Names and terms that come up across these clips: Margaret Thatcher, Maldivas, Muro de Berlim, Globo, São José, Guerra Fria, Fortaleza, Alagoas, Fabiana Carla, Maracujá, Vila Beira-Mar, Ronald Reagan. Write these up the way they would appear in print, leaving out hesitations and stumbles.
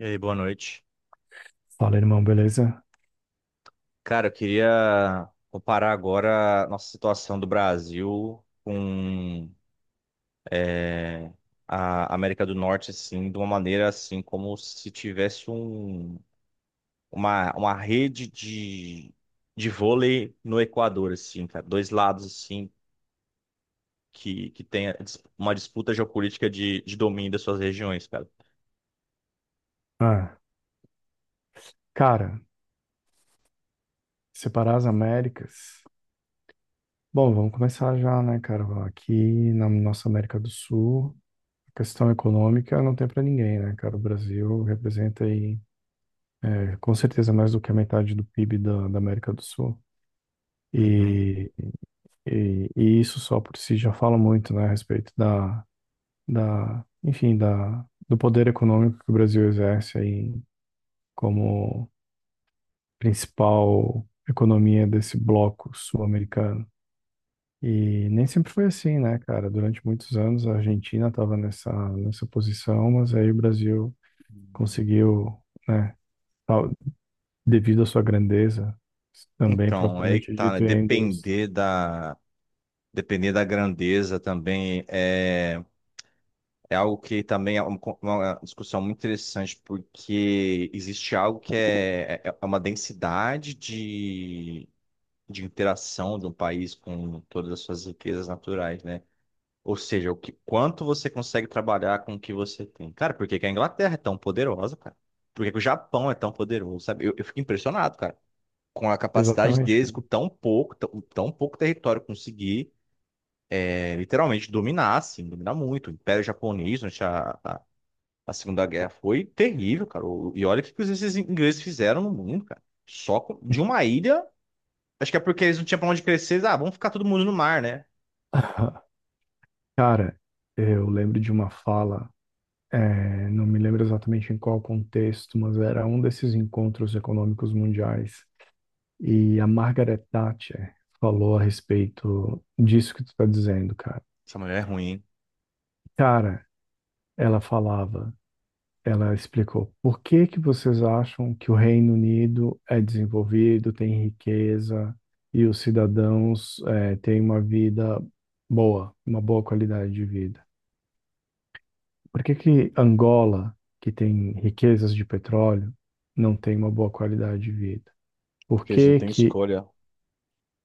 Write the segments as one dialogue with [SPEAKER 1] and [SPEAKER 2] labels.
[SPEAKER 1] E aí, boa noite.
[SPEAKER 2] Fala, irmão, beleza?
[SPEAKER 1] Cara, eu queria comparar agora a nossa situação do Brasil com é, a América do Norte, assim, de uma maneira assim, como se tivesse um, uma rede de vôlei no Equador, assim, cara. Dois lados, assim, que tem a uma disputa geopolítica de domínio das suas regiões, cara.
[SPEAKER 2] Ah, cara, separar as Américas. Bom, vamos começar já, né, cara? Aqui na nossa América do Sul, a questão econômica não tem pra ninguém, né, cara? O Brasil representa aí, é, com certeza, mais do que a metade do PIB da América do Sul.
[SPEAKER 1] Uhum.
[SPEAKER 2] E, e isso só por si já fala muito, né, a respeito da do poder econômico que o Brasil exerce aí como principal economia desse bloco sul-americano. E nem sempre foi assim, né, cara? Durante muitos anos a Argentina estava nessa posição, mas aí o Brasil conseguiu, né, tal- devido à sua grandeza, também
[SPEAKER 1] Então, é aí que
[SPEAKER 2] propriamente
[SPEAKER 1] tá, né?
[SPEAKER 2] dito, e a endurece.
[SPEAKER 1] Depender da grandeza também é algo que também é uma discussão muito interessante, porque existe algo que é uma densidade de interação de um país com todas as suas riquezas naturais, né? Ou seja, quanto você consegue trabalhar com o que você tem. Cara, por que que a Inglaterra é tão poderosa, cara? Por que que o Japão é tão poderoso, sabe? Eu fico impressionado, cara, com a capacidade
[SPEAKER 2] Exatamente,
[SPEAKER 1] deles,
[SPEAKER 2] cara.
[SPEAKER 1] com tão pouco, tão pouco território conseguir literalmente dominar, assim, dominar muito. O Império Japonês, durante a Segunda Guerra, foi terrível, cara. E olha o que que esses ingleses fizeram no mundo, cara. De uma ilha, acho que é porque eles não tinham pra onde crescer. Eles, ah, vamos ficar todo mundo no mar, né?
[SPEAKER 2] Cara, eu lembro de uma fala, não me lembro exatamente em qual contexto, mas era um desses encontros econômicos mundiais, e a Margaret Thatcher falou a respeito disso que tu tá dizendo, cara.
[SPEAKER 1] Essa mulher é ruim, hein?
[SPEAKER 2] Cara, ela falava, ela explicou, por que que vocês acham que o Reino Unido é desenvolvido, tem riqueza e os cidadãos têm uma vida boa, uma boa qualidade de vida? Por que que Angola, que tem riquezas de petróleo, não tem uma boa qualidade de vida? Por
[SPEAKER 1] Porque eles não
[SPEAKER 2] que
[SPEAKER 1] têm
[SPEAKER 2] que...
[SPEAKER 1] escolha.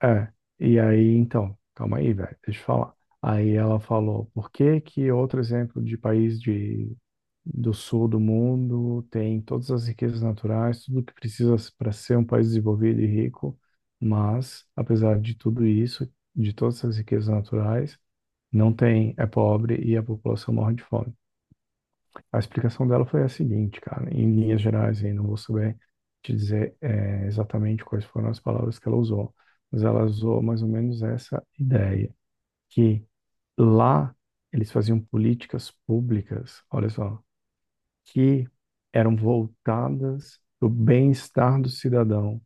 [SPEAKER 2] É, e aí, então, calma aí, velho, deixa eu falar. Aí ela falou, por que que outro exemplo de país de, do sul do mundo tem todas as riquezas naturais, tudo que precisa para ser um país desenvolvido e rico, mas, apesar de tudo isso, de todas essas riquezas naturais, não tem, é pobre e a população morre de fome. A explicação dela foi a seguinte, cara, em linhas gerais, aí não vou saber te dizer, exatamente quais foram as palavras que ela usou, mas ela usou mais ou menos essa ideia, que lá eles faziam políticas públicas, olha só, que eram voltadas para o bem-estar do cidadão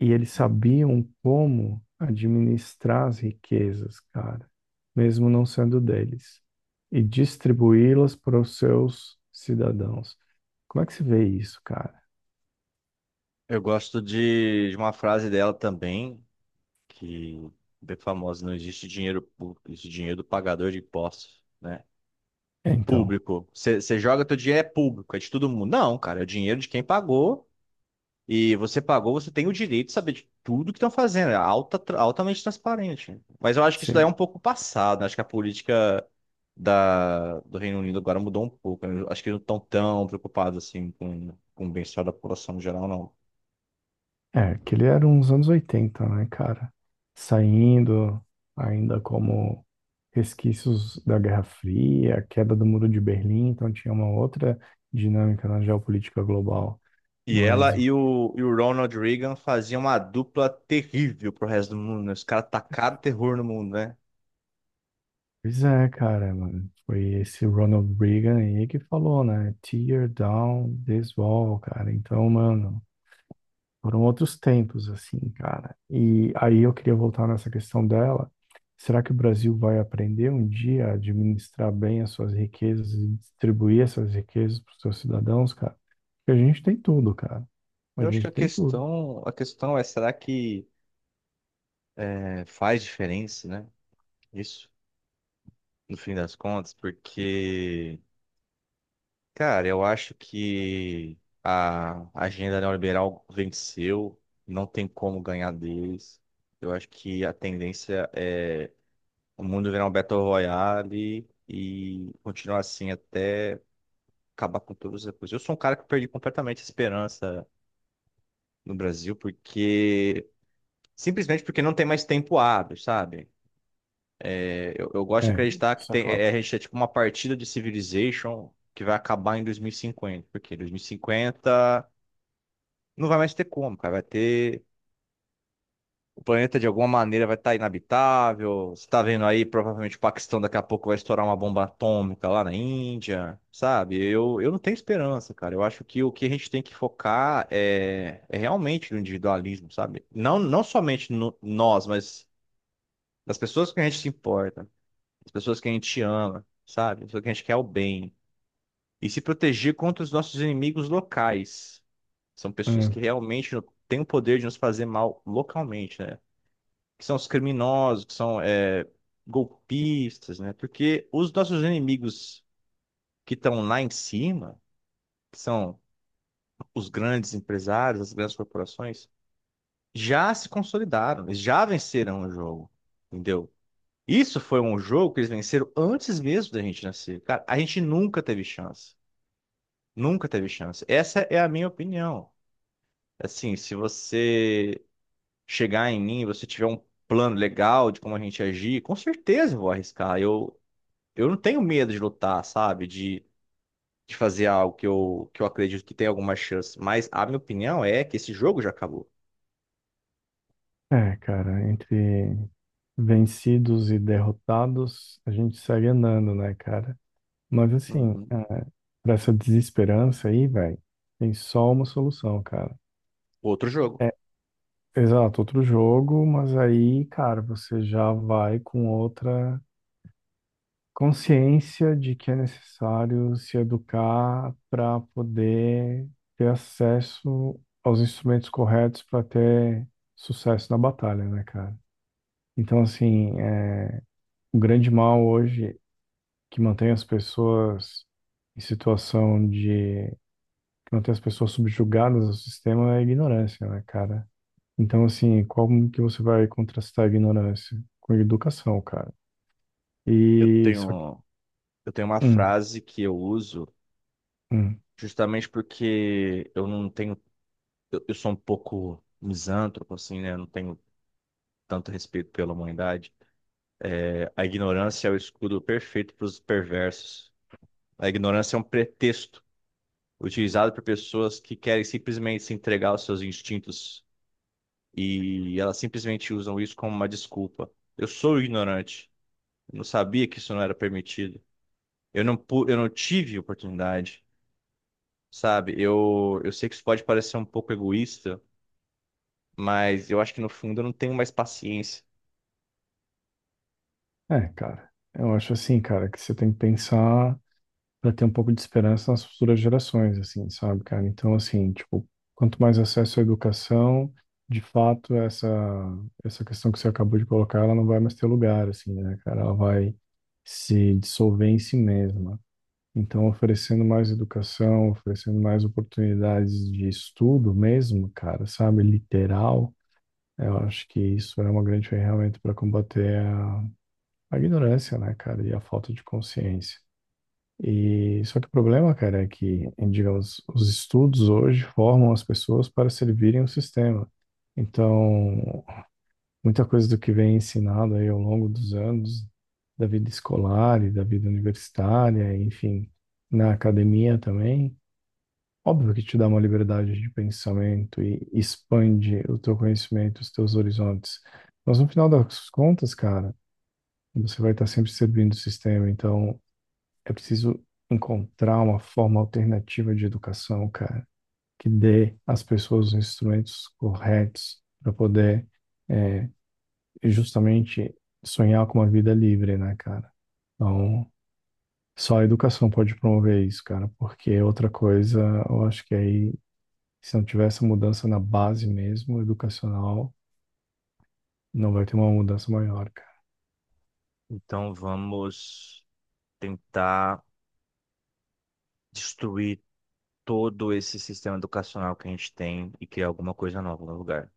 [SPEAKER 2] e eles sabiam como administrar as riquezas, cara, mesmo não sendo deles, e distribuí-las para os seus cidadãos. Como é que se vê isso, cara?
[SPEAKER 1] Eu gosto de uma frase dela também, que é bem famosa, não existe dinheiro público, existe dinheiro do pagador de impostos, né?
[SPEAKER 2] É. Então,
[SPEAKER 1] Público. Você joga teu dinheiro é público, é de todo mundo. Não, cara, é o dinheiro de quem pagou. E você pagou, você tem o direito de saber de tudo que estão fazendo. É altamente transparente. Mas eu acho que isso daí é um
[SPEAKER 2] sim.
[SPEAKER 1] pouco passado, né? Acho que a política do Reino Unido agora mudou um pouco, né? Eu acho que eles não estão tão preocupados assim com o bem-estar da população no geral, não.
[SPEAKER 2] É, que ele era uns anos 80, né, cara? Saindo ainda como resquícios da Guerra Fria, a queda do Muro de Berlim, então tinha uma outra dinâmica na geopolítica global.
[SPEAKER 1] E ela
[SPEAKER 2] Mas...
[SPEAKER 1] e e o Ronald Reagan faziam uma dupla terrível pro resto do mundo, né? Os caras tacaram terror no mundo, né?
[SPEAKER 2] Pois é, cara, mano. Foi esse Ronald Reagan aí que falou, né? Tear down this wall, cara. Então, mano, foram outros tempos, assim, cara. E aí eu queria voltar nessa questão dela. Será que o Brasil vai aprender um dia a administrar bem as suas riquezas e distribuir essas riquezas para os seus cidadãos, cara? Porque a gente tem tudo, cara.
[SPEAKER 1] Eu
[SPEAKER 2] A
[SPEAKER 1] acho que
[SPEAKER 2] gente tem tudo.
[SPEAKER 1] a questão é, será que faz diferença, né? Isso, no fim das contas, porque cara, eu acho que a agenda neoliberal venceu, não tem como ganhar deles. Eu acho que a tendência é o mundo virar um Battle Royale e continuar assim até acabar com todas as coisas. Eu sou um cara que perdi completamente a esperança no Brasil, porque simplesmente porque não tem mais tempo hábil, sabe? Eu gosto de
[SPEAKER 2] É,
[SPEAKER 1] acreditar que
[SPEAKER 2] isso é
[SPEAKER 1] tem, a
[SPEAKER 2] fato.
[SPEAKER 1] gente é tipo uma partida de Civilization que vai acabar em 2050, porque 2050. Não vai mais ter como, cara. Vai ter. O planeta de alguma maneira vai estar inabitável. Você tá vendo aí, provavelmente o Paquistão daqui a pouco vai estourar uma bomba atômica lá na Índia, sabe? Eu não tenho esperança, cara. Eu acho que o que a gente tem que focar é realmente no individualismo, sabe? Não, não somente no, nós, mas das pessoas que a gente se importa, das pessoas que a gente ama, sabe? Das pessoas que a gente quer o bem. E se proteger contra os nossos inimigos locais. São pessoas que realmente têm o poder de nos fazer mal localmente, né? Que são os criminosos, que são golpistas, né? Porque os nossos inimigos que estão lá em cima, que são os grandes empresários, as grandes corporações, já se consolidaram, eles já venceram o jogo, entendeu? Isso foi um jogo que eles venceram antes mesmo da gente nascer. Cara, a gente nunca teve chance. Nunca teve chance. Essa é a minha opinião. Assim, se você chegar em mim, você tiver um plano legal de como a gente agir, com certeza eu vou arriscar. Eu não tenho medo de lutar, sabe? De fazer algo que que eu acredito que tem alguma chance. Mas a minha opinião é que esse jogo já acabou.
[SPEAKER 2] É, é, cara, entre vencidos e derrotados, a gente segue andando, né, cara? Mas assim,
[SPEAKER 1] Uhum.
[SPEAKER 2] ah, pra essa desesperança aí, velho, tem só uma solução, cara.
[SPEAKER 1] Outro jogo.
[SPEAKER 2] É, exato, outro jogo, mas aí, cara, você já vai com outra consciência de que é necessário se educar para poder ter acesso aos instrumentos corretos para ter sucesso na batalha, né, cara? Então, assim, é, o grande mal hoje que mantém as pessoas em situação de... que mantém as pessoas subjugadas ao sistema é a ignorância, né, cara? Então, assim, como que você vai contrastar a ignorância? Com a educação, cara.
[SPEAKER 1] Eu
[SPEAKER 2] E só que...
[SPEAKER 1] tenho, eu tenho uma
[SPEAKER 2] Hum,
[SPEAKER 1] frase que eu uso
[SPEAKER 2] hum.
[SPEAKER 1] justamente porque eu não tenho. Eu sou um pouco misântropo, assim, né? Eu não tenho tanto respeito pela humanidade. A ignorância é o escudo perfeito para os perversos. A ignorância é um pretexto utilizado por pessoas que querem simplesmente se entregar aos seus instintos e elas simplesmente usam isso como uma desculpa. Eu sou ignorante, eu não sabia que isso não era permitido. Eu não tive oportunidade, sabe? Eu sei que isso pode parecer um pouco egoísta, mas eu acho que no fundo eu não tenho mais paciência.
[SPEAKER 2] É, cara, eu acho assim, cara, que você tem que pensar para ter um pouco de esperança nas futuras gerações, assim, sabe, cara? Então, assim, tipo, quanto mais acesso à educação, de fato, essa questão que você acabou de colocar, ela não vai mais ter lugar, assim, né, cara? Ela vai se dissolver em si mesma. Então, oferecendo mais educação, oferecendo mais oportunidades de estudo mesmo, cara, sabe, literal, eu acho que isso é uma grande ferramenta para combater a ignorância, né, cara, e a falta de consciência. E só que o problema, cara, é que, digamos, os estudos hoje formam as pessoas para servirem o sistema. Então, muita coisa do que vem ensinado aí ao longo dos anos, da vida escolar e da vida universitária, enfim, na academia também, óbvio que te dá uma liberdade de pensamento e expande o teu conhecimento, os teus horizontes. Mas no final das contas, cara, você vai estar sempre servindo o sistema. Então, é preciso encontrar uma forma alternativa de educação, cara, que dê às pessoas os instrumentos corretos para poder justamente sonhar com uma vida livre, né, cara? Então, só a educação pode promover isso, cara, porque outra coisa, eu acho que aí, se não tiver essa mudança na base mesmo, educacional, não vai ter uma mudança maior, cara.
[SPEAKER 1] Então vamos tentar destruir todo esse sistema educacional que a gente tem e criar alguma coisa nova no lugar.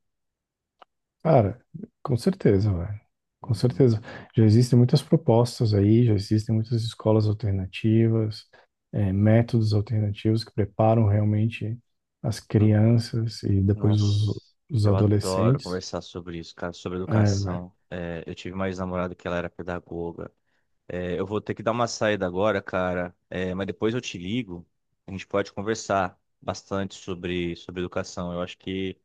[SPEAKER 2] Cara, com certeza, velho. Com
[SPEAKER 1] Uhum.
[SPEAKER 2] certeza. Já existem muitas propostas aí, já existem muitas escolas alternativas, métodos alternativos que preparam realmente as crianças e depois
[SPEAKER 1] Nossa,
[SPEAKER 2] os
[SPEAKER 1] eu adoro
[SPEAKER 2] adolescentes.
[SPEAKER 1] conversar sobre isso, cara, sobre
[SPEAKER 2] É, velho.
[SPEAKER 1] educação. É, eu tive uma ex-namorada que ela era pedagoga. É, eu vou ter que dar uma saída agora, cara, é, mas depois eu te ligo. A gente pode conversar bastante sobre, sobre educação. Eu acho que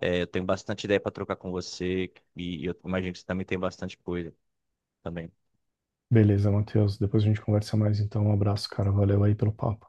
[SPEAKER 1] é, eu tenho bastante ideia para trocar com você e, eu imagino que você também tem bastante coisa também.
[SPEAKER 2] Beleza, Matheus. Depois a gente conversa mais, então. Um abraço, cara. Valeu aí pelo papo.